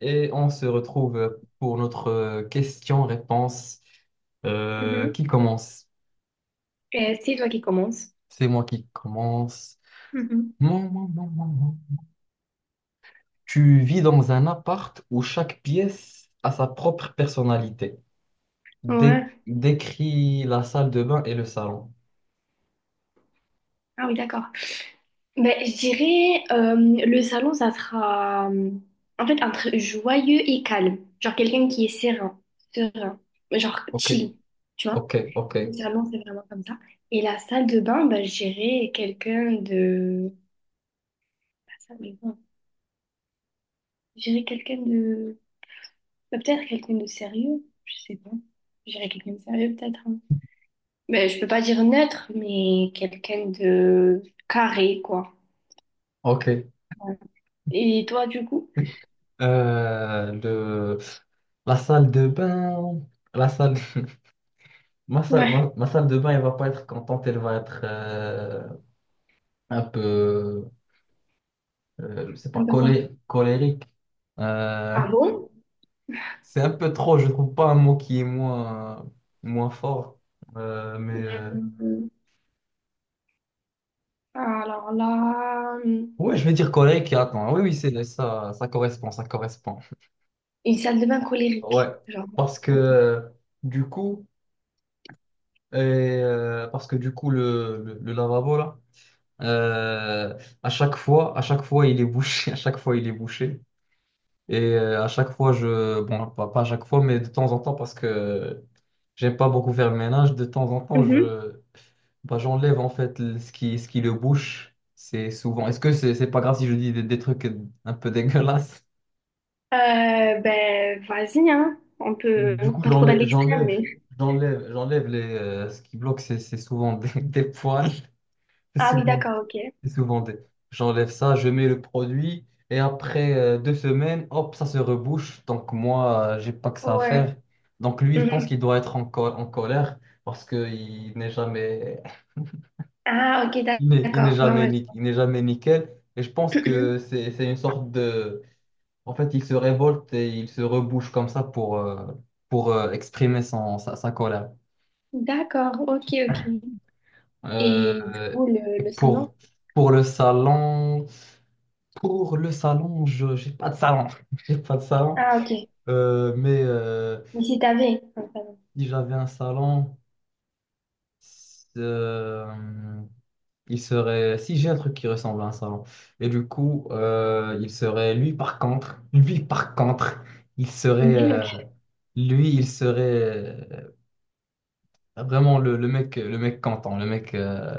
Et on se retrouve pour notre question-réponse Mhm. qui commence. Et c'est toi qui commences. C'est moi qui commence. Mhm. Mon. Tu vis dans un appart où chaque pièce a sa propre personnalité. Dé- Ouais. décris la salle de bain et le salon. Ah oui, d'accord. Ben, je dirais, le salon, ça sera en fait entre joyeux et calme. Genre quelqu'un qui est serein, serein, genre Ok, chill, tu vois. ok, ok, Le salon, c'est vraiment comme ça. Et la salle de bain, ben, je dirais quelqu'un de... La salle de bain, je dirais quelqu'un de... ben, peut-être quelqu'un de sérieux, je sais pas. Je dirais quelqu'un de sérieux peut-être, hein. Ben, je peux pas dire neutre, mais quelqu'un de carré, quoi. ok. Et toi, du coup? Euh, le... La salle de bain, la salle, ma salle, Ouais, ma, ma salle de bain, elle va pas être contente, elle va être un peu. C'est pas un peu quoi. Colérique. Euh, Ah bon? c'est un peu trop, je trouve pas un mot qui est moins, moins fort. Mais Hum. Alors là, ouais, je vais dire colérique. Attends, oui, oui, c'est ça, ça correspond, ça correspond. une salle de bain Ouais, colérique. Genre, parce que ok. euh, du coup, parce que du coup, le lavabo là, euh, à chaque fois, il est bouché, à chaque fois, il est bouché. Et à chaque fois, je... Bon, pas à chaque fois, mais de temps en temps, parce que j'aime pas beaucoup faire le ménage, de temps en temps, Mhm. je... Bah, j'enlève en fait ce qui le bouche. C'est souvent... Est-ce que c'est pas grave si je dis des trucs un peu dégueulasses? Ben, vas-y, hein. On peut Du coup, pas trop dans l'extrême, mais. j'enlève. J'enlève les... Ce qui bloque, c'est souvent des, des poils. C'est Ah oui, souvent d'accord, ok. C'est souvent des... J'enlève ça, je mets le produit et après 2 semaines, hop, ça se rebouche. Donc moi, j'ai pas que ça à Ouais. faire. Donc lui, je pense Mhm. qu'il doit être en colère parce qu'il n'est jamais, Ah, ok, il n'est d'accord. Ouais, jamais, ouais. Il n'est jamais nickel. Et je pense Je vois. que c'est une sorte de... En fait, il se révolte et il se rebouche comme ça pour, exprimer sa colère. D'accord, ok, ok. Euh, Et du coup, le salon? pour, pour le salon. Pour le salon, je j'ai pas de salon. J'ai pas de salon. Ah, ok. Mais Mais si t'avais un salon. si j'avais un salon, euh, il serait. Si j'ai un truc qui ressemble à un salon. Et du coup, il serait. Lui, par contre, il serait. Oui, ok. Il serait vraiment le mec,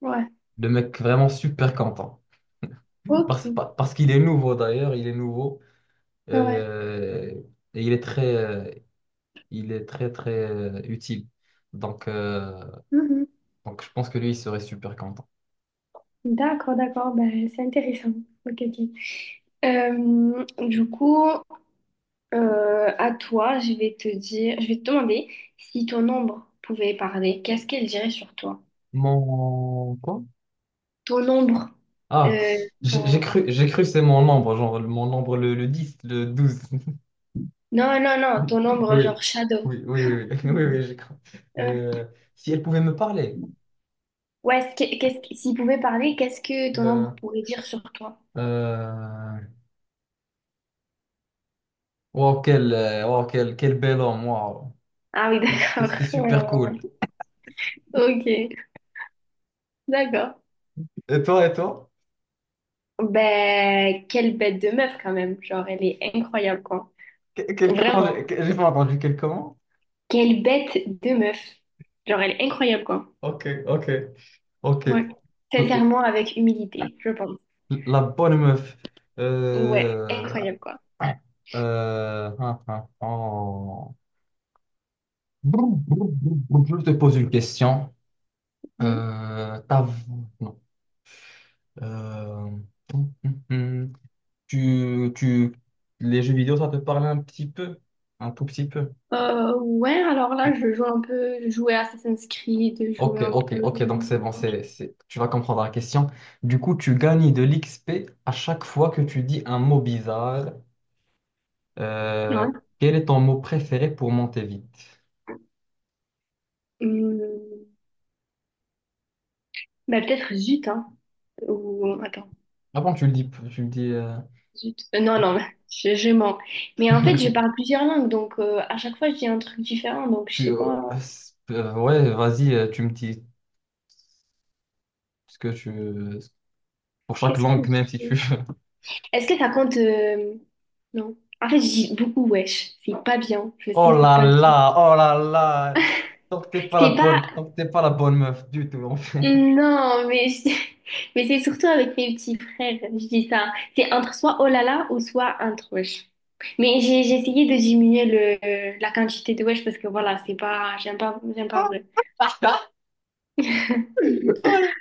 Ouais. le mec vraiment super content. Ok. Parce qu'il est nouveau d'ailleurs, il est nouveau. Ouais. Euh, et il est très très utile. Donc, euh, Mhm. donc je pense que lui, il serait super content. D'accord, d'accord, ben, c'est intéressant. Ok, ok. Du coup, à toi, je vais te demander si ton ombre pouvait parler, qu'est-ce qu'elle dirait sur toi? Mon quoi? Ton ombre, Ah, euh, ton... j'ai cru que c'est mon nombre, genre mon nombre le 10, le 12. Non, non, non, ton Oui, ombre oui, genre shadow. oui, oui, oui, oui, oui, j'ai cru. Euh, Euh, Si elle pouvait me parler. ouais, ce que- qu'est-ce que- s'il pouvait parler, qu'est-ce que ton Euh, ombre pourrait dire sur toi? euh, wow, wow, quel bel homme, wow. Ah oui, d'accord. C'était Ouais, super ouais, cool. ouais. Ok, d'accord. Et toi, et toi? Ben, quelle bête de meuf quand même, genre elle est incroyable quoi. Quel, comment Vraiment. J'ai pas entendu quel comment? Quelle bête de meuf. Genre, elle est incroyable, quoi. Ok, ok, ok. Ouais. Sincèrement, avec humilité, je pense. La bonne meuf. Ouais, Euh, incroyable, quoi. Hein, hein, oh. Brou, brou, brou, brou. Je te pose une question. Mhm. Ta Non. Euh, hum, hum, hum. Tu, les jeux vidéo, ça te parle un petit peu, un tout petit peu. Ouais, alors là, je joue un peu, je jouais Assassin's Creed, je jouais Ok, un ok, peu... ok. Donc c'est bon, Ok. Tu vas comprendre la question. Du coup, tu gagnes de l'XP à chaque fois que tu dis un mot bizarre. Euh, Ouais. Quel est ton mot préféré pour monter vite? Hum, bah, peut-être Zut, hein. Ou... Attends, Ah bon, tu le dis, tu le dis. Zut. Non, non, je mens. Mais en fait, je parle plusieurs langues, donc à chaque fois, je dis un truc différent, donc je sais pas... Ouais, vas-y, tu me dis ce que tu veux. Pour chaque Qu'est-ce que langue, même si tu c'est? veux. Est-ce que ça compte non. En fait, je dis beaucoup wesh. C'est pas bien. Je Oh sais, faut là pas le dire. là, oh là là. Tant que t'es pas la C'est pas. bonne, tant que t'es pas la bonne meuf du tout, en fait. Non, mais, mais c'est surtout avec mes petits frères. Je dis ça. C'est entre soit oh là là ou soit entre wesh. Mais j'ai essayé de diminuer la quantité de wesh parce que voilà, c'est pas. J'aime pas, j'aime pas en vrai. Ouais.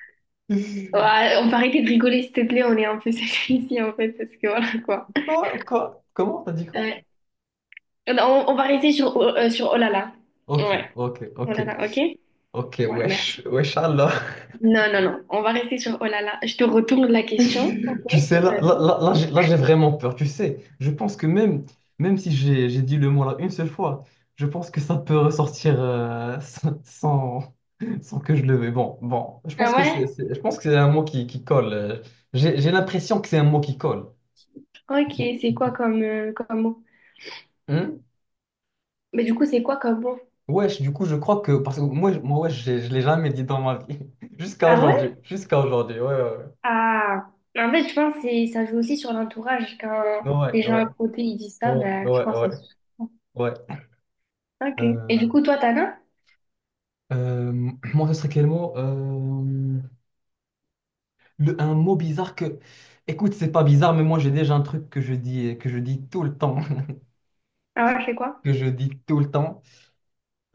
Ouais, on va arrêter de rigoler, s'il te plaît. On est un peu sérieux ici en fait parce que voilà quoi. Quoi, quoi, comment t'as dit quoi? Ouais. On, on va rester sur, sur oh là là. Ok, Ouais. ok, Oh ok, là là, ok? ok, Ouais, merci. wesh, wesh, Allah. Non, non, non. On va rester sur Oh là là. Je te retourne la question. Ok. Tu sais, là, là, Vas-y. là, là, j'ai vraiment peur. Tu sais, je pense que même si j'ai dit le mot là une seule fois, je pense que ça peut ressortir sans que je le veuille. Bon, Ah ouais? Je pense que c'est un mot qui colle. J'ai l'impression que c'est un mot qui colle. Ok, c'est quoi comme, comme mot? Hmm. Mais du coup, c'est quoi comme mot? Wesh, du coup, je crois que... Parce que moi, moi wesh, je l'ai jamais dit dans ma vie. Jusqu'à Ah ouais? aujourd'hui. Jusqu'à aujourd'hui, ouais, ouais, ouais. Ah, en fait, je pense que ça joue aussi sur l'entourage. Quand Ouais, les gens à ouais, côté, ils disent ça, ouais, ben, je ouais, pense que c'est... ouais, ouais. Ok. Et Euh, du coup, toi, t'en as? euh, Moi, ce serait quel mot? Un mot bizarre que, écoute, c'est pas bizarre, mais moi j'ai déjà un truc que je dis tout le temps, Ah ouais, je fais quoi? que je dis tout le temps.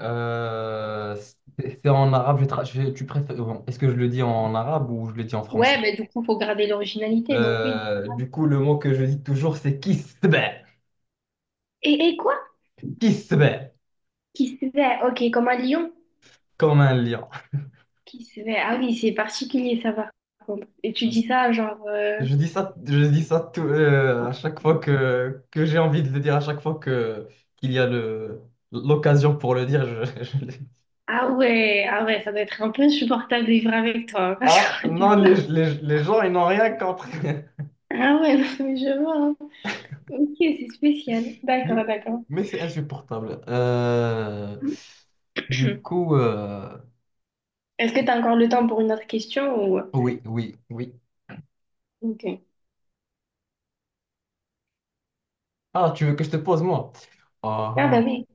Euh, c'est en arabe. Tu préfères, bon, est-ce que je le dis en arabe ou je le dis en Ouais, français? mais du coup, faut garder l'originalité, donc oui. Du coup, le mot que je dis toujours, c'est kisbeh, Et quoi? kisbeh, Qui se fait? Ok, comme un lion. comme un lion. Qui se fait? Ah oui, c'est particulier, ça va. Et tu dis ça, genre... Je dis ça à chaque fois que j'ai envie de le dire, à chaque fois que qu'il y a le l'occasion pour le dire, je, je le... ah ouais, ah ouais, ça doit être un peu insupportable de vivre avec toi, hein, je Ah, non, crois. Les gens, ils n'ont rien compris. Ah ouais, non, mais je vois, hein. Ok, c'est spécial. D'accord, d'accord. Mais c'est insupportable. Du coup, Est-ce que tu as encore le temps pour une autre question ou... oui, oui, oui. Ok. Ah, tu veux que je te pose, moi? Ah bah Ah, oui.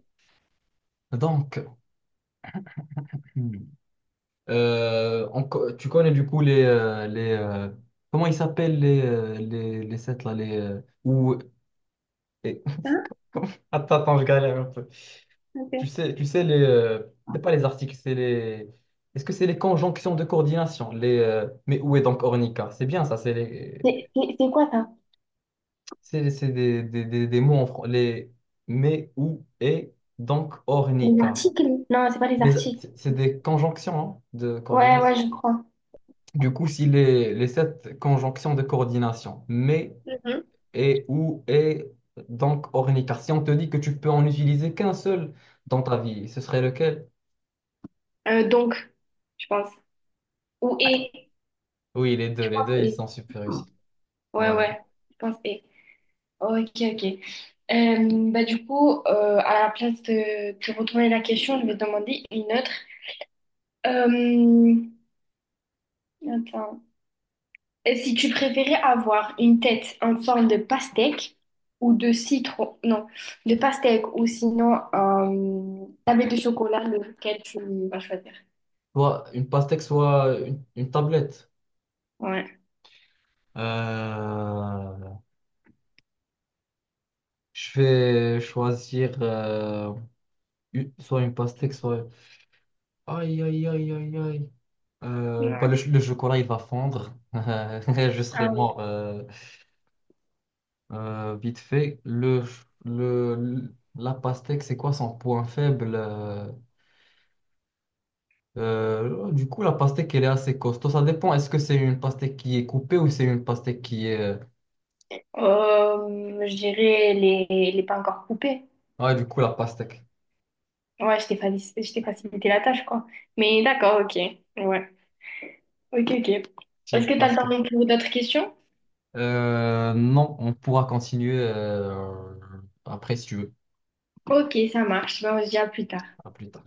ah. Hmm. Tu connais du coup les comment ils s'appellent les, les sets là les, ou, et- Hein. Attends, attends, je galère. Ok. Tu sais les, c'est pas les articles, c'est les. Est-ce que c'est les conjonctions de coordination? Les, mais où est donc Ornica? C'est bien ça, c'est les, C'est quoi ça? C'est des mots en français. Les, mais où est donc Les Ornica? articles? Non, c'est pas les articles. C'est des conjonctions hein, de Ouais, coordination. ouais, je crois. Du coup, si les sept conjonctions de coordination, mais Mhm. et où est donc Ornica? Si on te dit que tu peux en utiliser qu'un seul dans ta vie, ce serait lequel? Donc, je pense. Ou et. Oui, les deux, ils Et. sont super réussis. Ouais, Ouais. ouais, je pense et. Ok, ok. Bah, du coup, à la place de retourner la question, je vais te demander une autre. Euh, attends. Et si tu préférais avoir une tête en forme de pastèque ou de citron, non, de pastèque ou sinon tablette de chocolat, lequel tu vas choisir? Soit une pastèque, soit une tablette. Ouais. Euh, je vais choisir soit une pastèque, soit... Aïe, aïe, aïe, aïe, aïe. Bah, Ouais. Le chocolat, il va fondre. Je serai Ah oui. mort vite fait. Le, ch- le- La pastèque, c'est quoi son point faible? Du coup, la pastèque, elle est assez costaud. Ça dépend. Est-ce que c'est une pastèque qui est coupée ou c'est une pastèque qui est... Je dirais les pas encore coupés. Ouais, du coup, la pastèque. Ouais, je t'ai facilité la tâche, quoi. Mais d'accord, ok. Ouais. Ok, ok. Est-ce Team que tu as le pastèque. temps pour d'autres questions? Non, on pourra continuer après si tu veux. Ok, ça marche. Ben, on se dit à plus tard. À plus tard.